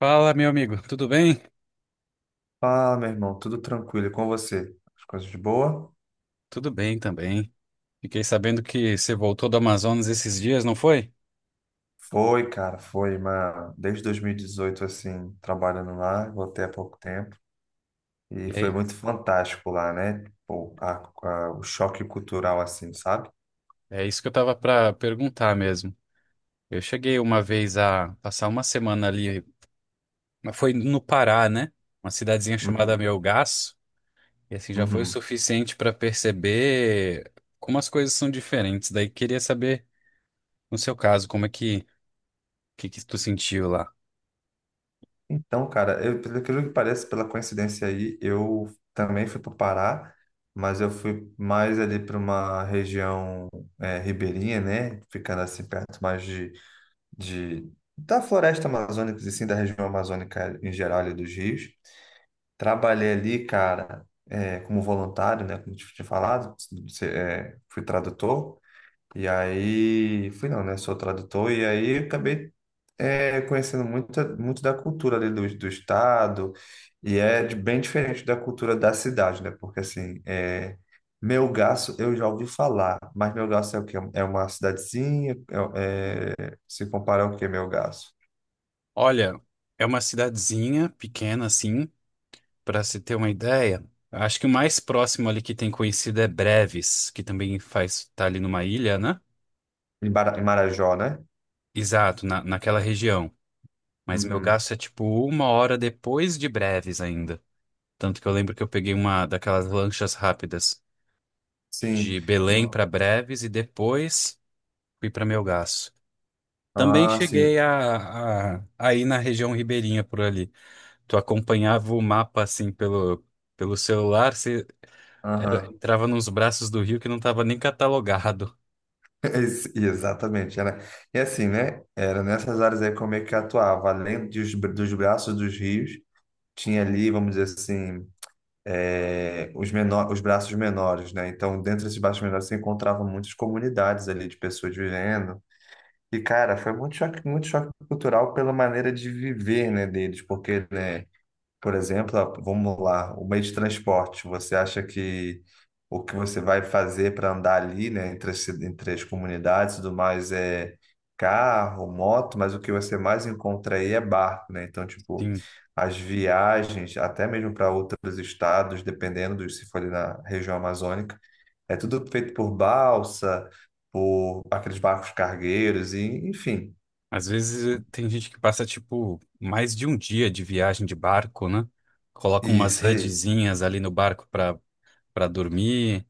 Fala, meu amigo, tudo bem? Fala, meu irmão, tudo tranquilo e com você? As coisas de boa? Tudo bem também. Fiquei sabendo que você voltou do Amazonas esses dias, não foi? Foi, cara, foi, mas desde 2018, assim, trabalhando lá, voltei há pouco tempo E e foi aí, muito fantástico lá, né? Pô, o choque cultural, assim, sabe? é isso que eu tava para perguntar mesmo. Eu cheguei uma vez a passar uma semana ali, mas foi no Pará, né? Uma cidadezinha chamada Uhum, Melgaço, e assim já foi o uhum. suficiente para perceber como as coisas são diferentes. Daí queria saber, no seu caso, como é que que tu sentiu lá? Então, cara, eu, pelo aquilo que parece, pela coincidência aí, eu também fui para o Pará, mas eu fui mais ali para uma região ribeirinha, né? Ficando assim perto mais de, da floresta amazônica, e sim, da região amazônica em geral, ali dos rios. Trabalhei ali, cara, como voluntário, né, como eu tinha falado, fui tradutor. E aí, fui não, né? Sou tradutor, e aí acabei conhecendo muito, muito da cultura ali do estado, e é bem diferente da cultura da cidade, né? Porque assim, Melgaço eu já ouvi falar, mas Melgaço é o quê? É uma cidadezinha, se comparar ao quê, Melgaço? Olha, é uma cidadezinha pequena assim, para se ter uma ideia, acho que o mais próximo ali que tem conhecido é Breves, que também faz tá ali numa ilha, né? Em Marajó, né? Exato, naquela região. Mas meu Uhum. gasto é tipo uma hora depois de Breves ainda. Tanto que eu lembro que eu peguei uma daquelas lanchas rápidas Sim. de Belém para Breves e depois fui para Melgaço. Também Ah, sim. cheguei a ir na região ribeirinha por ali. Tu acompanhava o mapa assim pelo celular. Era, Aham. entrava nos braços do rio que não estava nem catalogado. Exatamente, era. E assim, né? Era nessas áreas aí como é que eu atuava, além dos braços dos rios, tinha ali, vamos dizer assim, os braços menores, né? Então, dentro desses braços menores, você encontrava muitas comunidades ali de pessoas vivendo. E, cara, foi muito choque cultural pela maneira de viver, né, deles, porque, né? Por exemplo, vamos lá, o meio de transporte. Você acha que o que você vai fazer para andar ali, né, entre as comunidades e tudo mais é carro, moto, mas o que você mais encontra aí é barco, né? Então, tipo, Sim. as viagens, até mesmo para outros estados, dependendo de se for ali na região amazônica, é tudo feito por balsa, por aqueles barcos cargueiros, e, enfim, Às vezes tem gente que passa, tipo, mais de um dia de viagem de barco, né? Coloca umas isso aí. redezinhas ali no barco para dormir.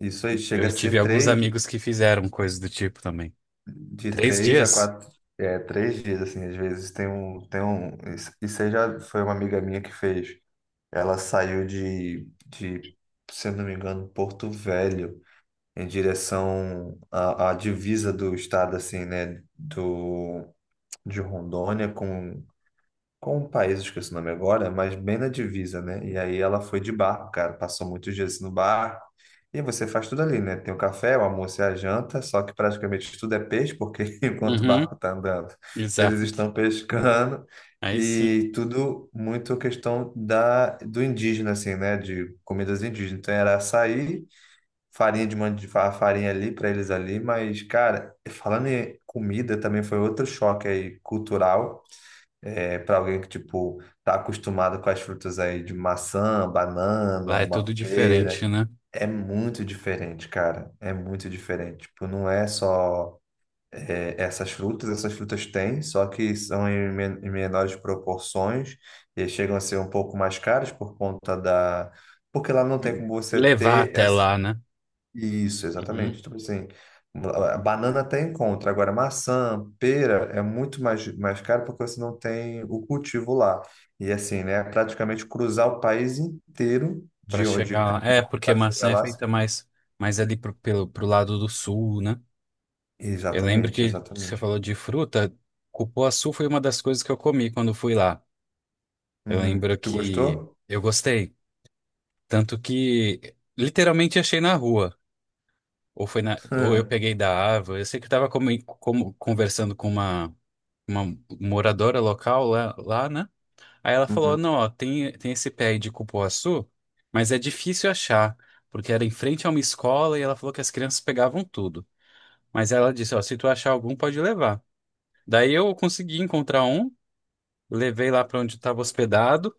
Isso aí chega Eu a tive ser alguns três. amigos que fizeram coisas do tipo também. De Três três a dias? quatro, três dias, assim, às vezes tem um, e você já foi uma amiga minha que fez, ela saiu de, se eu não me engano, Porto Velho, em direção à divisa do estado, assim, né, do, de Rondônia com um país, eu esqueci o nome agora, mas bem na divisa, né? E aí ela foi de barco, cara, passou muitos dias no barco. E você faz tudo ali, né? Tem o café, o almoço e a janta, só que praticamente tudo é peixe, porque enquanto o Uhum, barco está andando, eles estão exato. pescando. Aí sim. E tudo muito questão da, do indígena, assim, né? De comidas indígenas. Então era açaí, farinha de mandioca, farinha ali para eles ali. Mas, cara, falando em comida, também foi outro choque aí cultural para alguém que, tipo, tá acostumado com as frutas aí de maçã, Lá banana, é uma tudo pera, diferente, né? é muito diferente, cara. É muito diferente. Tipo, não é só, essas frutas têm, só que são em menores proporções e chegam a ser um pouco mais caras por conta da. Porque lá não tem como você Levar ter até lá, né? isso, Uhum, exatamente. Tipo assim, a banana até encontra. Agora, maçã, pera é muito mais caro porque você não tem o cultivo lá. E assim, né? É praticamente cruzar o país inteiro para de onde chegar lá. É, porque para chegar maçã é lá. feita mais, mais ali pro, pelo, pro lado do sul, né? Eu lembro Exatamente, que você exatamente. falou de fruta, cupuaçu foi uma das coisas que eu comi quando fui lá. Eu lembro Uhum. Tu que gostou? eu gostei, tanto que literalmente achei na rua, ou foi na, ou eu peguei da árvore. Eu sei que eu estava conversando com uma moradora local lá, né? Aí ela Hum. falou: Uhum. "Não, ó, tem esse pé aí de cupuaçu, mas é difícil achar, porque era em frente a uma escola e ela falou que as crianças pegavam tudo." Mas ela disse: "Ó, se tu achar algum, pode levar." Daí eu consegui encontrar um, levei lá para onde estava hospedado.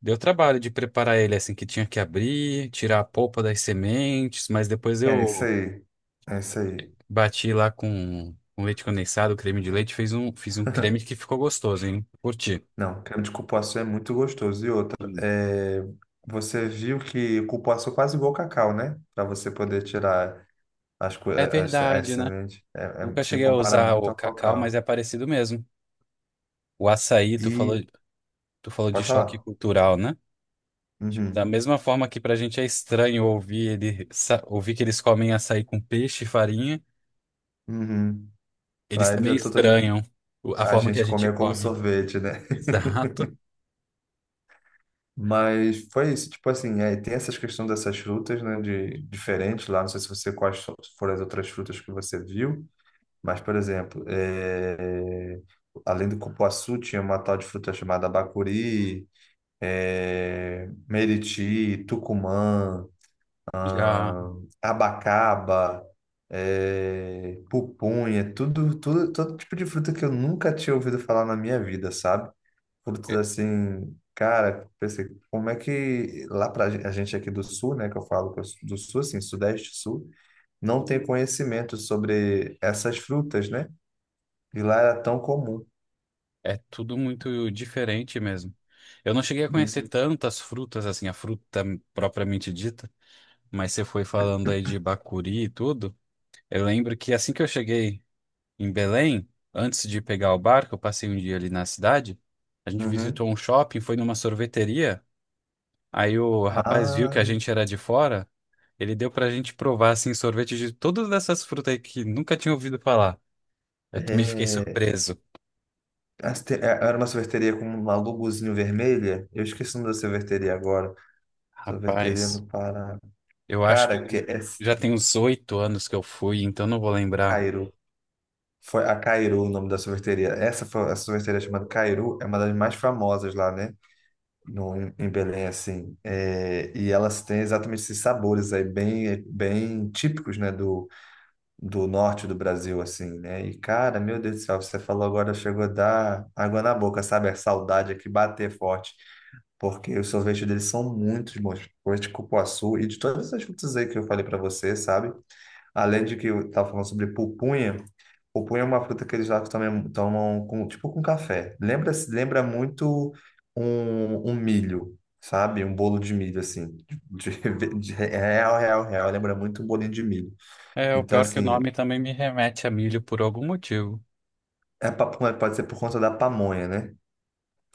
Deu trabalho de preparar ele assim que tinha que abrir, tirar a polpa das sementes, mas depois É isso eu aí. É isso aí. bati lá com leite condensado, creme de leite, fiz um creme que ficou gostoso, hein? Curti. Não, creme de cupuaçu é muito gostoso. E outra, Sim. Você viu que o cupuaçu é quase igual ao cacau, né? Para você poder tirar. As, co- É as, as verdade, né? sementes Nunca se cheguei a compara usar muito o ao cacau, mas cacau. é parecido mesmo. O açaí, tu falou, E de pode choque falar. cultural, né? Tipo, da Uhum, mesma forma que pra gente é estranho ouvir ele, ouvir que eles comem açaí com peixe e farinha, uhum. eles Para eles também é totalmente. estranham a A forma que a gente gente comia como come. sorvete, né? Exato. Mas foi isso, tipo assim, aí tem essas questões dessas frutas, né, de diferentes lá, não sei se você foram as outras frutas que você viu, mas, por exemplo, além do cupuaçu, tinha uma tal de fruta chamada bacuri, meriti, tucumã, Já ah, abacaba, pupunha, tudo, todo tipo de fruta que eu nunca tinha ouvido falar na minha vida, sabe? Frutas é assim, cara, pensei, como é que lá a gente aqui do sul, né, que eu falo que eu sou do sul, assim, sudeste, sul, não tem conhecimento sobre essas frutas, né? E lá era tão comum. é tudo muito diferente mesmo. Eu não cheguei a conhecer Uhum, tantas frutas, assim, a fruta propriamente dita, mas você foi falando aí de bacuri e tudo. Eu lembro que assim que eu cheguei em Belém, antes de pegar o barco, eu passei um dia ali na cidade, a gente uhum. visitou um shopping, foi numa sorveteria. Aí o rapaz viu que Ah, a gente era de fora, ele deu pra gente provar, assim, sorvete de todas essas frutas aí que nunca tinha ouvido falar. Eu também fiquei é, surpreso. as te- é- era uma sorveteria com uma logozinho vermelha. Eu esqueci o nome da sorveteria agora. Sorveteria Rapaz, no Pará. eu acho que Cara, que é já tem uns 8 anos que eu fui, então não vou lembrar. Cairu. Foi a Cairu o nome da sorveteria. Essa foi a sorveteria chamada Cairu, é uma das mais famosas lá, né? No, em Belém, assim. É, e elas têm exatamente esses sabores aí, bem, bem típicos, né? Do norte do Brasil, assim, né? E, cara, meu Deus do céu, você falou agora, chegou a dar água na boca, sabe? A saudade aqui bater forte. Porque os sorvetes deles são muito bons. Sorvete de cupuaçu e de todas essas frutas aí que eu falei pra você, sabe? Além de que eu estava falando sobre pupunha. Pupunha é uma fruta que eles lá também tomam com, tipo com café. Lembra muito um milho, sabe? Um bolo de milho, assim. De, real, real, real. Lembra muito um bolinho de milho. É, o Então, pior é que o assim, nome também me remete a milho por algum motivo. é papunha, pode ser por conta da pamonha, né?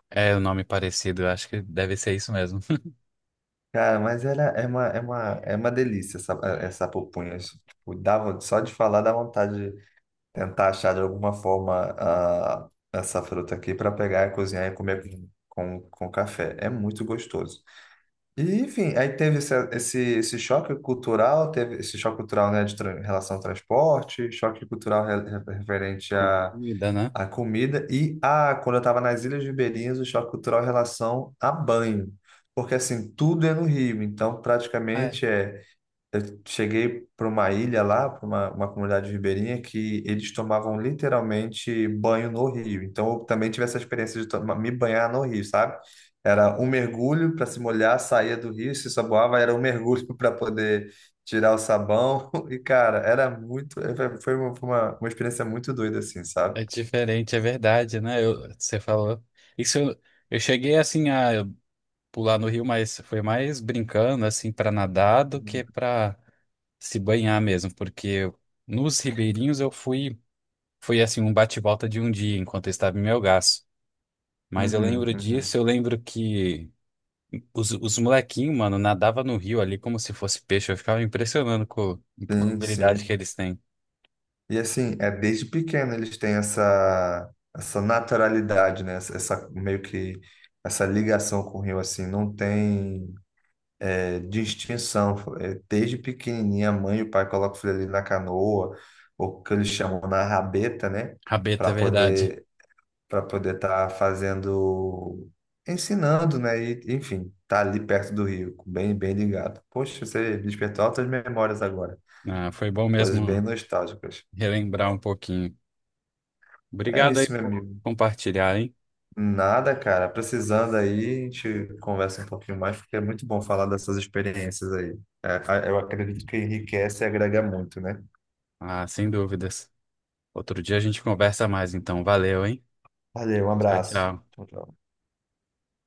É, o nome parecido, eu acho que deve ser isso mesmo. Cara, mas é uma delícia essa pupunha. Tipo, dava, só de falar dá vontade tentar achar de alguma forma essa fruta aqui para pegar e cozinhar e comer com café. É muito gostoso. E, enfim, aí teve esse choque cultural, teve esse choque cultural, né, de em relação ao transporte, choque cultural referente à, Comida, né? à comida e a, quando eu estava nas Ilhas Ribeirinhas, o choque cultural em relação a banho. Porque, assim, tudo é no Rio, então É, praticamente eu cheguei para uma ilha lá, para uma comunidade ribeirinha, que eles tomavam literalmente banho no rio. Então eu também tive essa experiência de tomar, me banhar no rio, sabe? Era um mergulho para se molhar, saía do rio, se saboava, era um mergulho para poder tirar o sabão. E, cara, era muito. Foi uma experiência muito doida, assim, sabe? é diferente, é verdade, né? Você falou. Isso eu, eu cheguei assim a pular no rio, mas foi mais brincando assim para nadar do que para se banhar mesmo, porque nos ribeirinhos eu fui, foi assim um bate-volta de um dia enquanto eu estava em Melgaço. Mas eu Uhum, lembro uhum. disso, eu lembro que os molequinhos, mano, nadava no rio ali como se fosse peixe. Eu ficava impressionando com a Sim, habilidade que sim. eles têm. E assim, é desde pequeno eles têm essa naturalidade, né? Essa, meio que essa ligação com o rio, assim, não tem distinção. É, desde pequenininha, a mãe e o pai colocam o filho ali na canoa, ou o que eles chamam na rabeta, né? Rabeta, Para é verdade. poder para poder estar fazendo, ensinando, né? E, enfim, tá ali perto do rio, bem, bem ligado. Poxa, você despertou altas memórias agora, Ah, foi bom coisas bem mesmo nostálgicas. relembrar um pouquinho. É Obrigado aí isso, meu por amigo. compartilhar, hein? Nada, cara. Precisando aí, a gente conversa um pouquinho mais, porque é muito bom falar dessas experiências aí. É, eu acredito que enriquece e agrega muito, né? Ah, sem dúvidas. Outro dia a gente conversa mais, então. Valeu, hein? Valeu, um Tchau, abraço. tchau. Tchau, tchau.